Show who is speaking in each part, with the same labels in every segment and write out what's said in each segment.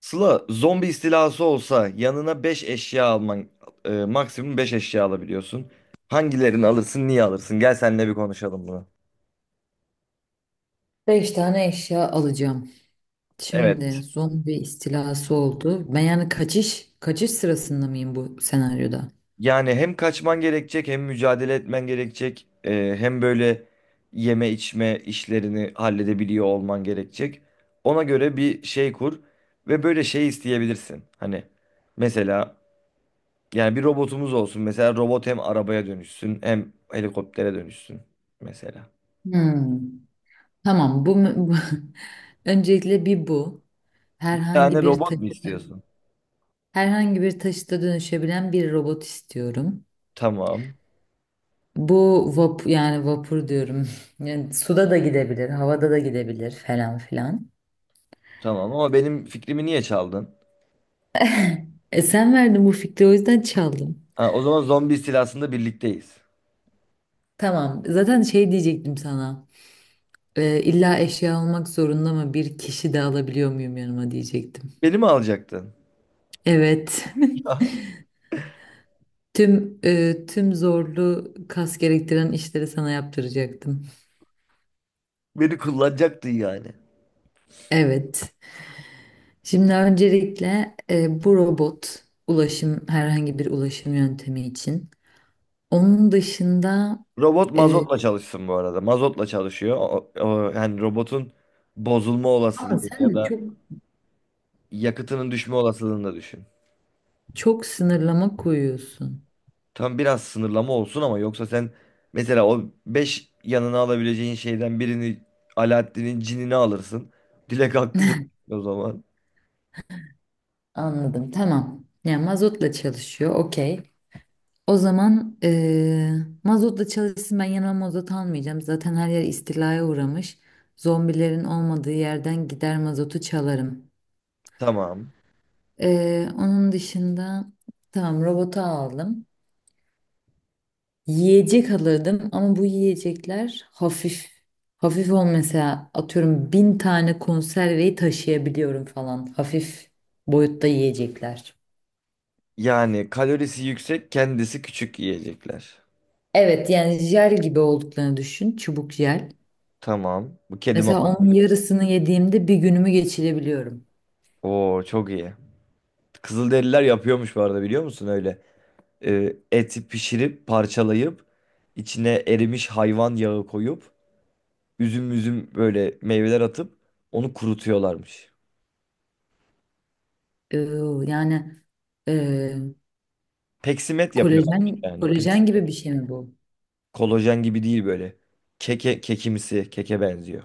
Speaker 1: Sıla, zombi istilası olsa yanına 5 eşya alman, maksimum 5 eşya alabiliyorsun. Hangilerini alırsın, niye alırsın? Gel seninle bir konuşalım bunu.
Speaker 2: Beş tane eşya alacağım.
Speaker 1: Evet.
Speaker 2: Şimdi zombi istilası oldu. Ben yani kaçış sırasında mıyım bu senaryoda?
Speaker 1: Yani hem kaçman gerekecek, hem mücadele etmen gerekecek, hem böyle yeme içme işlerini halledebiliyor olman gerekecek. Ona göre bir şey kur ve böyle şey isteyebilirsin. Hani mesela yani bir robotumuz olsun. Mesela robot hem arabaya dönüşsün, hem helikoptere dönüşsün mesela.
Speaker 2: Hmm. Tamam. Bu öncelikle bir bu. Herhangi
Speaker 1: Yani
Speaker 2: bir
Speaker 1: robot
Speaker 2: taşı,
Speaker 1: mu istiyorsun?
Speaker 2: herhangi bir taşıta dönüşebilen bir robot istiyorum.
Speaker 1: Tamam.
Speaker 2: Bu vapur, yani vapur diyorum. Yani suda da gidebilir, havada da gidebilir falan filan.
Speaker 1: Tamam ama benim fikrimi niye çaldın?
Speaker 2: E sen verdin bu fikri, o yüzden çaldım.
Speaker 1: Ha, o zaman zombi istilasında birlikteyiz.
Speaker 2: Tamam. Zaten şey diyecektim sana. İlla eşya olmak zorunda mı? Bir kişi de alabiliyor muyum yanıma diyecektim.
Speaker 1: Beni mi alacaktın?
Speaker 2: Evet.
Speaker 1: Aha,
Speaker 2: Tüm zorlu kas gerektiren işleri sana yaptıracaktım.
Speaker 1: beni kullanacaktın yani.
Speaker 2: Evet. Şimdi öncelikle bu robot ulaşım, herhangi bir ulaşım yöntemi için. Onun dışında
Speaker 1: Robot
Speaker 2: e,
Speaker 1: mazotla çalışsın bu arada. Mazotla çalışıyor. Yani robotun bozulma
Speaker 2: ama
Speaker 1: olasılığı
Speaker 2: sen
Speaker 1: ya
Speaker 2: de
Speaker 1: da
Speaker 2: çok
Speaker 1: yakıtının düşme olasılığını da düşün.
Speaker 2: çok sınırlama koyuyorsun.
Speaker 1: Tam biraz sınırlama olsun ama yoksa sen mesela o 5 yanına alabileceğin şeyden birini Alaaddin'in cinini alırsın. Dilek hakkı dilek o zaman.
Speaker 2: Anladım. Tamam. Yani mazotla çalışıyor. Okey. O zaman mazotla çalışsın, ben yanıma mazot almayacağım. Zaten her yer istilaya uğramış. Zombilerin olmadığı yerden gider mazotu çalarım.
Speaker 1: Tamam.
Speaker 2: Onun dışında tamam, robotu aldım. Yiyecek alırdım ama bu yiyecekler hafif. Hafif ol, mesela atıyorum 1.000 tane konserveyi taşıyabiliyorum falan. Hafif boyutta yiyecekler.
Speaker 1: Yani kalorisi yüksek, kendisi küçük yiyecekler.
Speaker 2: Evet, yani jel gibi olduklarını düşün. Çubuk jel.
Speaker 1: Tamam. Bu kedi
Speaker 2: Mesela
Speaker 1: maması.
Speaker 2: onun yarısını yediğimde bir günümü geçirebiliyorum.
Speaker 1: Oo çok iyi. Kızılderililer yapıyormuş bu arada biliyor musun öyle? Eti pişirip parçalayıp içine erimiş hayvan yağı koyup üzüm üzüm böyle meyveler atıp onu kurutuyorlarmış.
Speaker 2: Ee, yani e,
Speaker 1: Peksimet
Speaker 2: kolajen
Speaker 1: yapıyorlarmış yani.
Speaker 2: kolajen gibi
Speaker 1: Peksimet.
Speaker 2: bir şey mi bu?
Speaker 1: Kolajen gibi değil böyle. Keke, kekimsi, keke benziyor.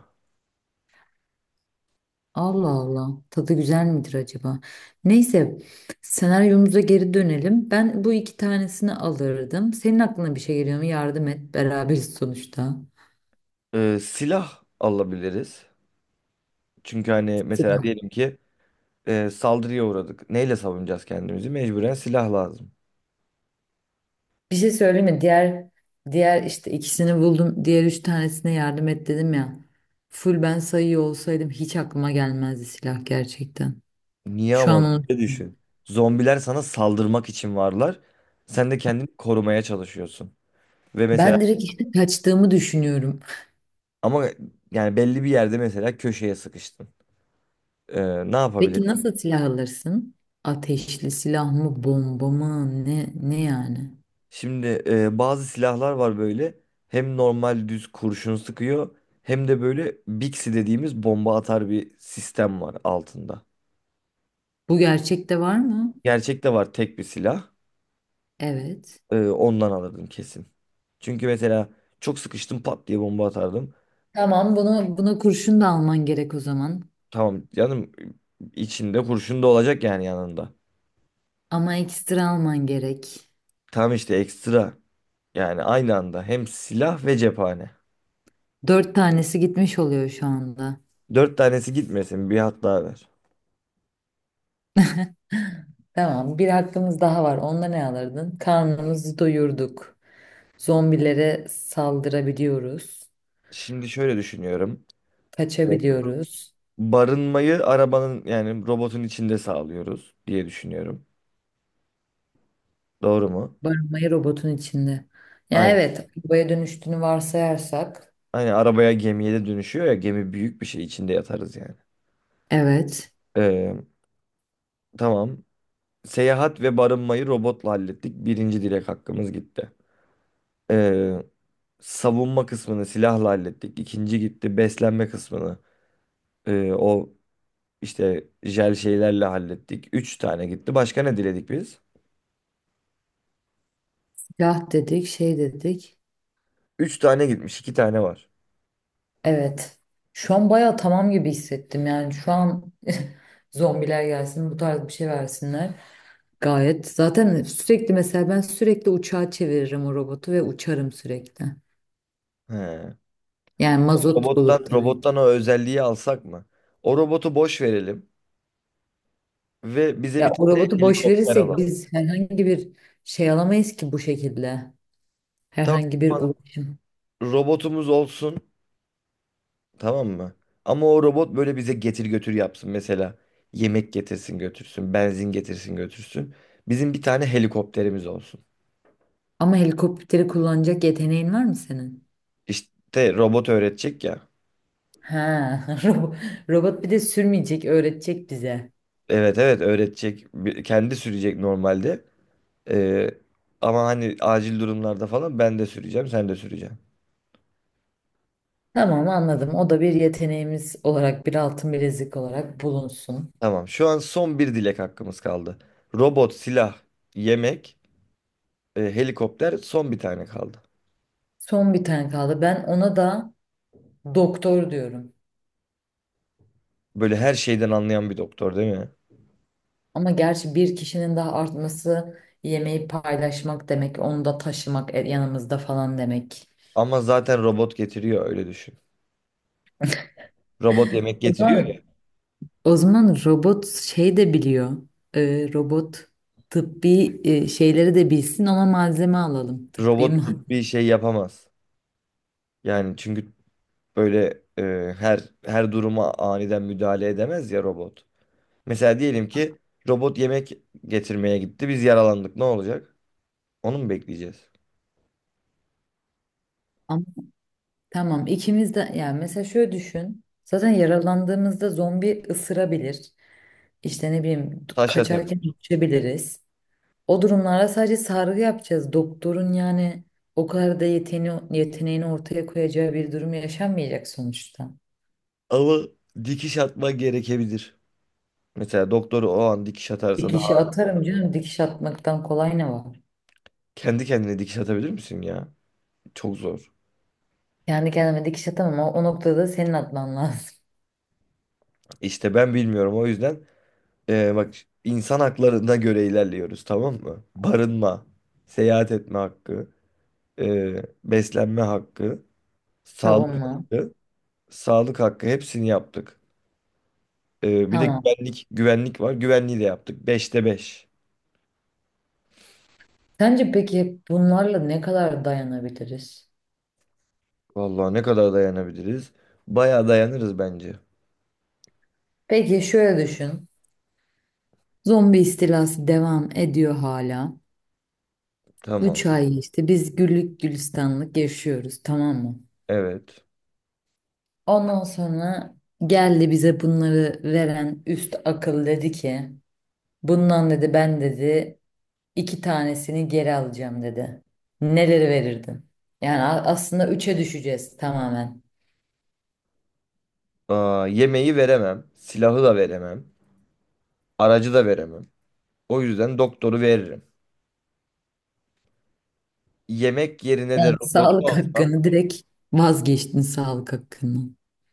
Speaker 2: Allah Allah. Tadı güzel midir acaba? Neyse, senaryomuza geri dönelim. Ben bu iki tanesini alırdım. Senin aklına bir şey geliyor mu? Yardım et. Beraberiz sonuçta.
Speaker 1: Silah alabiliriz. Çünkü hani mesela diyelim ki saldırıya uğradık. Neyle savunacağız kendimizi? Mecburen silah lazım.
Speaker 2: Bir şey söyleyeyim mi? Diğer işte ikisini buldum. Diğer üç tanesine yardım et dedim ya. Full ben sayıyor olsaydım hiç aklıma gelmezdi silah gerçekten.
Speaker 1: Niye
Speaker 2: Şu
Speaker 1: ama?
Speaker 2: an onu
Speaker 1: Ne düşün. Zombiler sana saldırmak için varlar. Sen de kendini korumaya çalışıyorsun. Ve mesela
Speaker 2: ben direkt işte kaçtığımı düşünüyorum.
Speaker 1: ama yani belli bir yerde mesela köşeye sıkıştın. E, Ne
Speaker 2: Peki
Speaker 1: yapabilirsin?
Speaker 2: nasıl silah alırsın? Ateşli silah mı, bomba mı? Ne yani?
Speaker 1: Şimdi bazı silahlar var böyle. Hem normal düz kurşun sıkıyor hem de böyle Bixi dediğimiz bomba atar bir sistem var altında.
Speaker 2: Bu gerçekte var mı?
Speaker 1: Gerçekte var tek bir silah.
Speaker 2: Evet.
Speaker 1: Ondan alırdım kesin. Çünkü mesela çok sıkıştım pat diye bomba atardım.
Speaker 2: Tamam, bunu buna kurşun da alman gerek o zaman.
Speaker 1: Tamam canım, içinde kurşun da olacak yani yanında.
Speaker 2: Ama ekstra alman gerek.
Speaker 1: Tam işte ekstra, yani aynı anda hem silah ve cephane.
Speaker 2: Dört tanesi gitmiş oluyor şu anda.
Speaker 1: Dört tanesi gitmesin, bir hat daha ver.
Speaker 2: Tamam, bir hakkımız daha var. Onda ne alırdın? Karnımızı doyurduk. Zombilere saldırabiliyoruz.
Speaker 1: Şimdi şöyle düşünüyorum. Evet.
Speaker 2: Kaçabiliyoruz.
Speaker 1: Barınmayı arabanın yani robotun içinde sağlıyoruz diye düşünüyorum. Doğru mu?
Speaker 2: Barınmayı robotun içinde. Ya
Speaker 1: Aynen.
Speaker 2: evet, arabaya dönüştüğünü varsayarsak.
Speaker 1: Aynen arabaya, gemiye de dönüşüyor ya, gemi büyük bir şey içinde yatarız yani.
Speaker 2: Evet.
Speaker 1: Ee, tamam. Seyahat ve barınmayı robotla hallettik. Birinci direk hakkımız gitti. Ee, Savunma kısmını silahla hallettik. İkinci gitti. Beslenme kısmını o işte jel şeylerle hallettik. Üç tane gitti. Başka ne diledik biz?
Speaker 2: Silah dedik, şey dedik.
Speaker 1: Üç tane gitmiş. İki tane var.
Speaker 2: Evet. Şu an bayağı tamam gibi hissettim. Yani şu an zombiler gelsin, bu tarz bir şey versinler. Gayet. Zaten sürekli, mesela ben sürekli uçağa çeviririm o robotu ve uçarım sürekli.
Speaker 1: He.
Speaker 2: Yani mazot
Speaker 1: Robottan,
Speaker 2: bulup tabii.
Speaker 1: robottan o özelliği alsak mı? O robotu boş verelim ve bize
Speaker 2: Ya
Speaker 1: bir
Speaker 2: o
Speaker 1: tane
Speaker 2: robotu boş
Speaker 1: helikopter
Speaker 2: verirsek
Speaker 1: alalım.
Speaker 2: biz herhangi bir şey alamayız ki bu şekilde.
Speaker 1: Tamam.
Speaker 2: Herhangi bir ulaşım.
Speaker 1: Robotumuz olsun. Tamam mı? Ama o robot böyle bize getir götür yapsın. Mesela yemek getirsin götürsün, benzin getirsin götürsün. Bizim bir tane helikopterimiz olsun.
Speaker 2: Ama helikopteri kullanacak yeteneğin var mı senin?
Speaker 1: İşte robot öğretecek ya.
Speaker 2: Ha, robo- robot bir de sürmeyecek, öğretecek bize.
Speaker 1: Evet evet öğretecek. Kendi sürecek normalde. Ee, Ama hani acil durumlarda falan ben de süreceğim, sen de süreceksin.
Speaker 2: Tamam, anladım. O da bir yeteneğimiz olarak, bir altın bilezik olarak bulunsun.
Speaker 1: Tamam. Şu an son bir dilek hakkımız kaldı. Robot, silah, yemek, helikopter, son bir tane kaldı.
Speaker 2: Son bir tane kaldı. Ben ona da doktor diyorum.
Speaker 1: Böyle her şeyden anlayan bir doktor değil mi?
Speaker 2: Ama gerçi bir kişinin daha artması yemeği paylaşmak demek, onu da taşımak yanımızda falan demek.
Speaker 1: Ama zaten robot getiriyor, öyle düşün. Robot yemek
Speaker 2: O
Speaker 1: getiriyor ya.
Speaker 2: zaman O zaman robot şey de biliyor. Robot tıbbi şeyleri de bilsin, ona malzeme alalım. Tıbbi
Speaker 1: Robot
Speaker 2: mal-
Speaker 1: bir şey yapamaz. Yani çünkü böyle her duruma aniden müdahale edemez ya robot. Mesela diyelim ki robot yemek getirmeye gitti. Biz yaralandık. Ne olacak? Onu mu bekleyeceğiz?
Speaker 2: Ama tamam, ikimiz de, yani mesela şöyle düşün. Zaten yaralandığımızda zombi ısırabilir. İşte ne bileyim,
Speaker 1: Taşa tabii.
Speaker 2: kaçarken düşebiliriz. O durumlarda sadece sargı yapacağız. Doktorun yani o kadar da yeteneğini ortaya koyacağı bir durum yaşanmayacak sonuçta.
Speaker 1: Ama dikiş atma gerekebilir. Mesela doktoru o an dikiş atarsa daha
Speaker 2: Dikişi atarım canım, dikiş atmaktan kolay ne var?
Speaker 1: kendi kendine dikiş atabilir misin ya? Çok zor.
Speaker 2: Kendi kendime dikiş atamam ama o noktada senin atman lazım.
Speaker 1: İşte ben bilmiyorum, o yüzden bak, insan haklarına göre ilerliyoruz, tamam mı? Barınma, seyahat etme hakkı. e, Beslenme hakkı, sağlık
Speaker 2: Tamam mı?
Speaker 1: hakkı, sağlık hakkı, hepsini yaptık. E, bir de
Speaker 2: Tamam.
Speaker 1: güvenlik var. Güvenliği de yaptık. Beşte 5.
Speaker 2: Sence peki bunlarla ne kadar dayanabiliriz?
Speaker 1: Vallahi ne kadar dayanabiliriz? Bayağı dayanırız bence.
Speaker 2: Peki şöyle düşün. Zombi istilası devam ediyor hala.
Speaker 1: Tamam.
Speaker 2: 3 ay işte biz güllük gülistanlık yaşıyoruz, tamam mı?
Speaker 1: Evet.
Speaker 2: Ondan sonra geldi bize bunları veren üst akıl, dedi ki bundan dedi ben dedi iki tanesini geri alacağım dedi. Neleri verirdin? Yani aslında üçe düşeceğiz tamamen.
Speaker 1: Aa, yemeği veremem. Silahı da veremem. Aracı da veremem. O yüzden doktoru veririm. Yemek yerine de
Speaker 2: Yani
Speaker 1: robotu
Speaker 2: sağlık
Speaker 1: alsam.
Speaker 2: hakkını direkt vazgeçtin sağlık hakkını.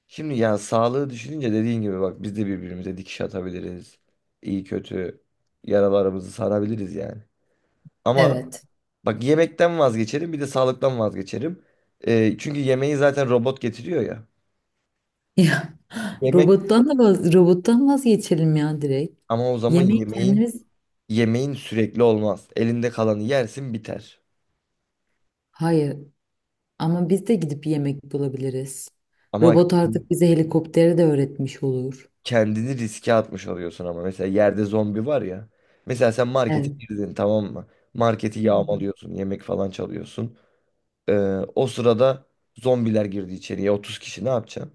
Speaker 1: Şimdi ya sağlığı düşününce dediğin gibi, bak, biz de birbirimize dikiş atabiliriz. İyi kötü yaralarımızı sarabiliriz yani. Ama
Speaker 2: Evet.
Speaker 1: bak, yemekten vazgeçerim, bir de sağlıktan vazgeçerim. Çünkü yemeği zaten robot getiriyor ya.
Speaker 2: Ya
Speaker 1: Yemek,
Speaker 2: robottan vazgeçelim ya direkt.
Speaker 1: ama o zaman
Speaker 2: Yemeği
Speaker 1: yemeğin
Speaker 2: kendimiz
Speaker 1: yemeğin sürekli olmaz. Elinde kalanı yersin, biter.
Speaker 2: Hayır, ama biz de gidip yemek bulabiliriz.
Speaker 1: Ama
Speaker 2: Robot artık bize helikopteri de öğretmiş olur.
Speaker 1: kendini riske atmış oluyorsun, ama mesela yerde zombi var ya. Mesela sen markete
Speaker 2: Evet.
Speaker 1: girdin, tamam mı? Marketi yağmalıyorsun, yemek falan çalıyorsun. Ee, O sırada zombiler girdi içeriye, 30 kişi, ne yapacaksın?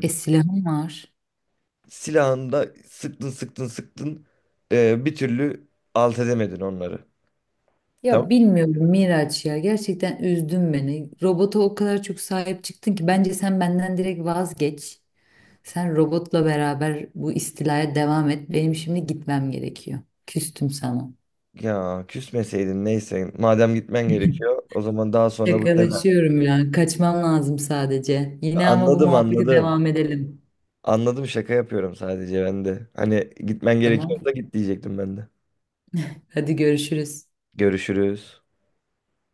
Speaker 2: E silahım var.
Speaker 1: Silahında sıktın, sıktın, sıktın, bir türlü alt edemedin onları. Tamam.
Speaker 2: Ya bilmiyorum Miraç ya, gerçekten üzdün beni. Robota o kadar çok sahip çıktın ki bence sen benden direkt vazgeç. Sen robotla beraber bu istilaya devam et. Benim şimdi gitmem gerekiyor. Küstüm sana.
Speaker 1: Ya küsmeseydin, neyse, madem gitmen gerekiyor, o zaman daha sonra bu tema.
Speaker 2: Şakalaşıyorum ya. Kaçmam lazım sadece. Yine ama bu
Speaker 1: Anladım,
Speaker 2: muhabbete
Speaker 1: anladım.
Speaker 2: devam edelim.
Speaker 1: Anladım, şaka yapıyorum sadece ben de. Hani gitmen
Speaker 2: Tamam.
Speaker 1: gerekiyorsa git diyecektim ben de.
Speaker 2: Hadi görüşürüz.
Speaker 1: Görüşürüz.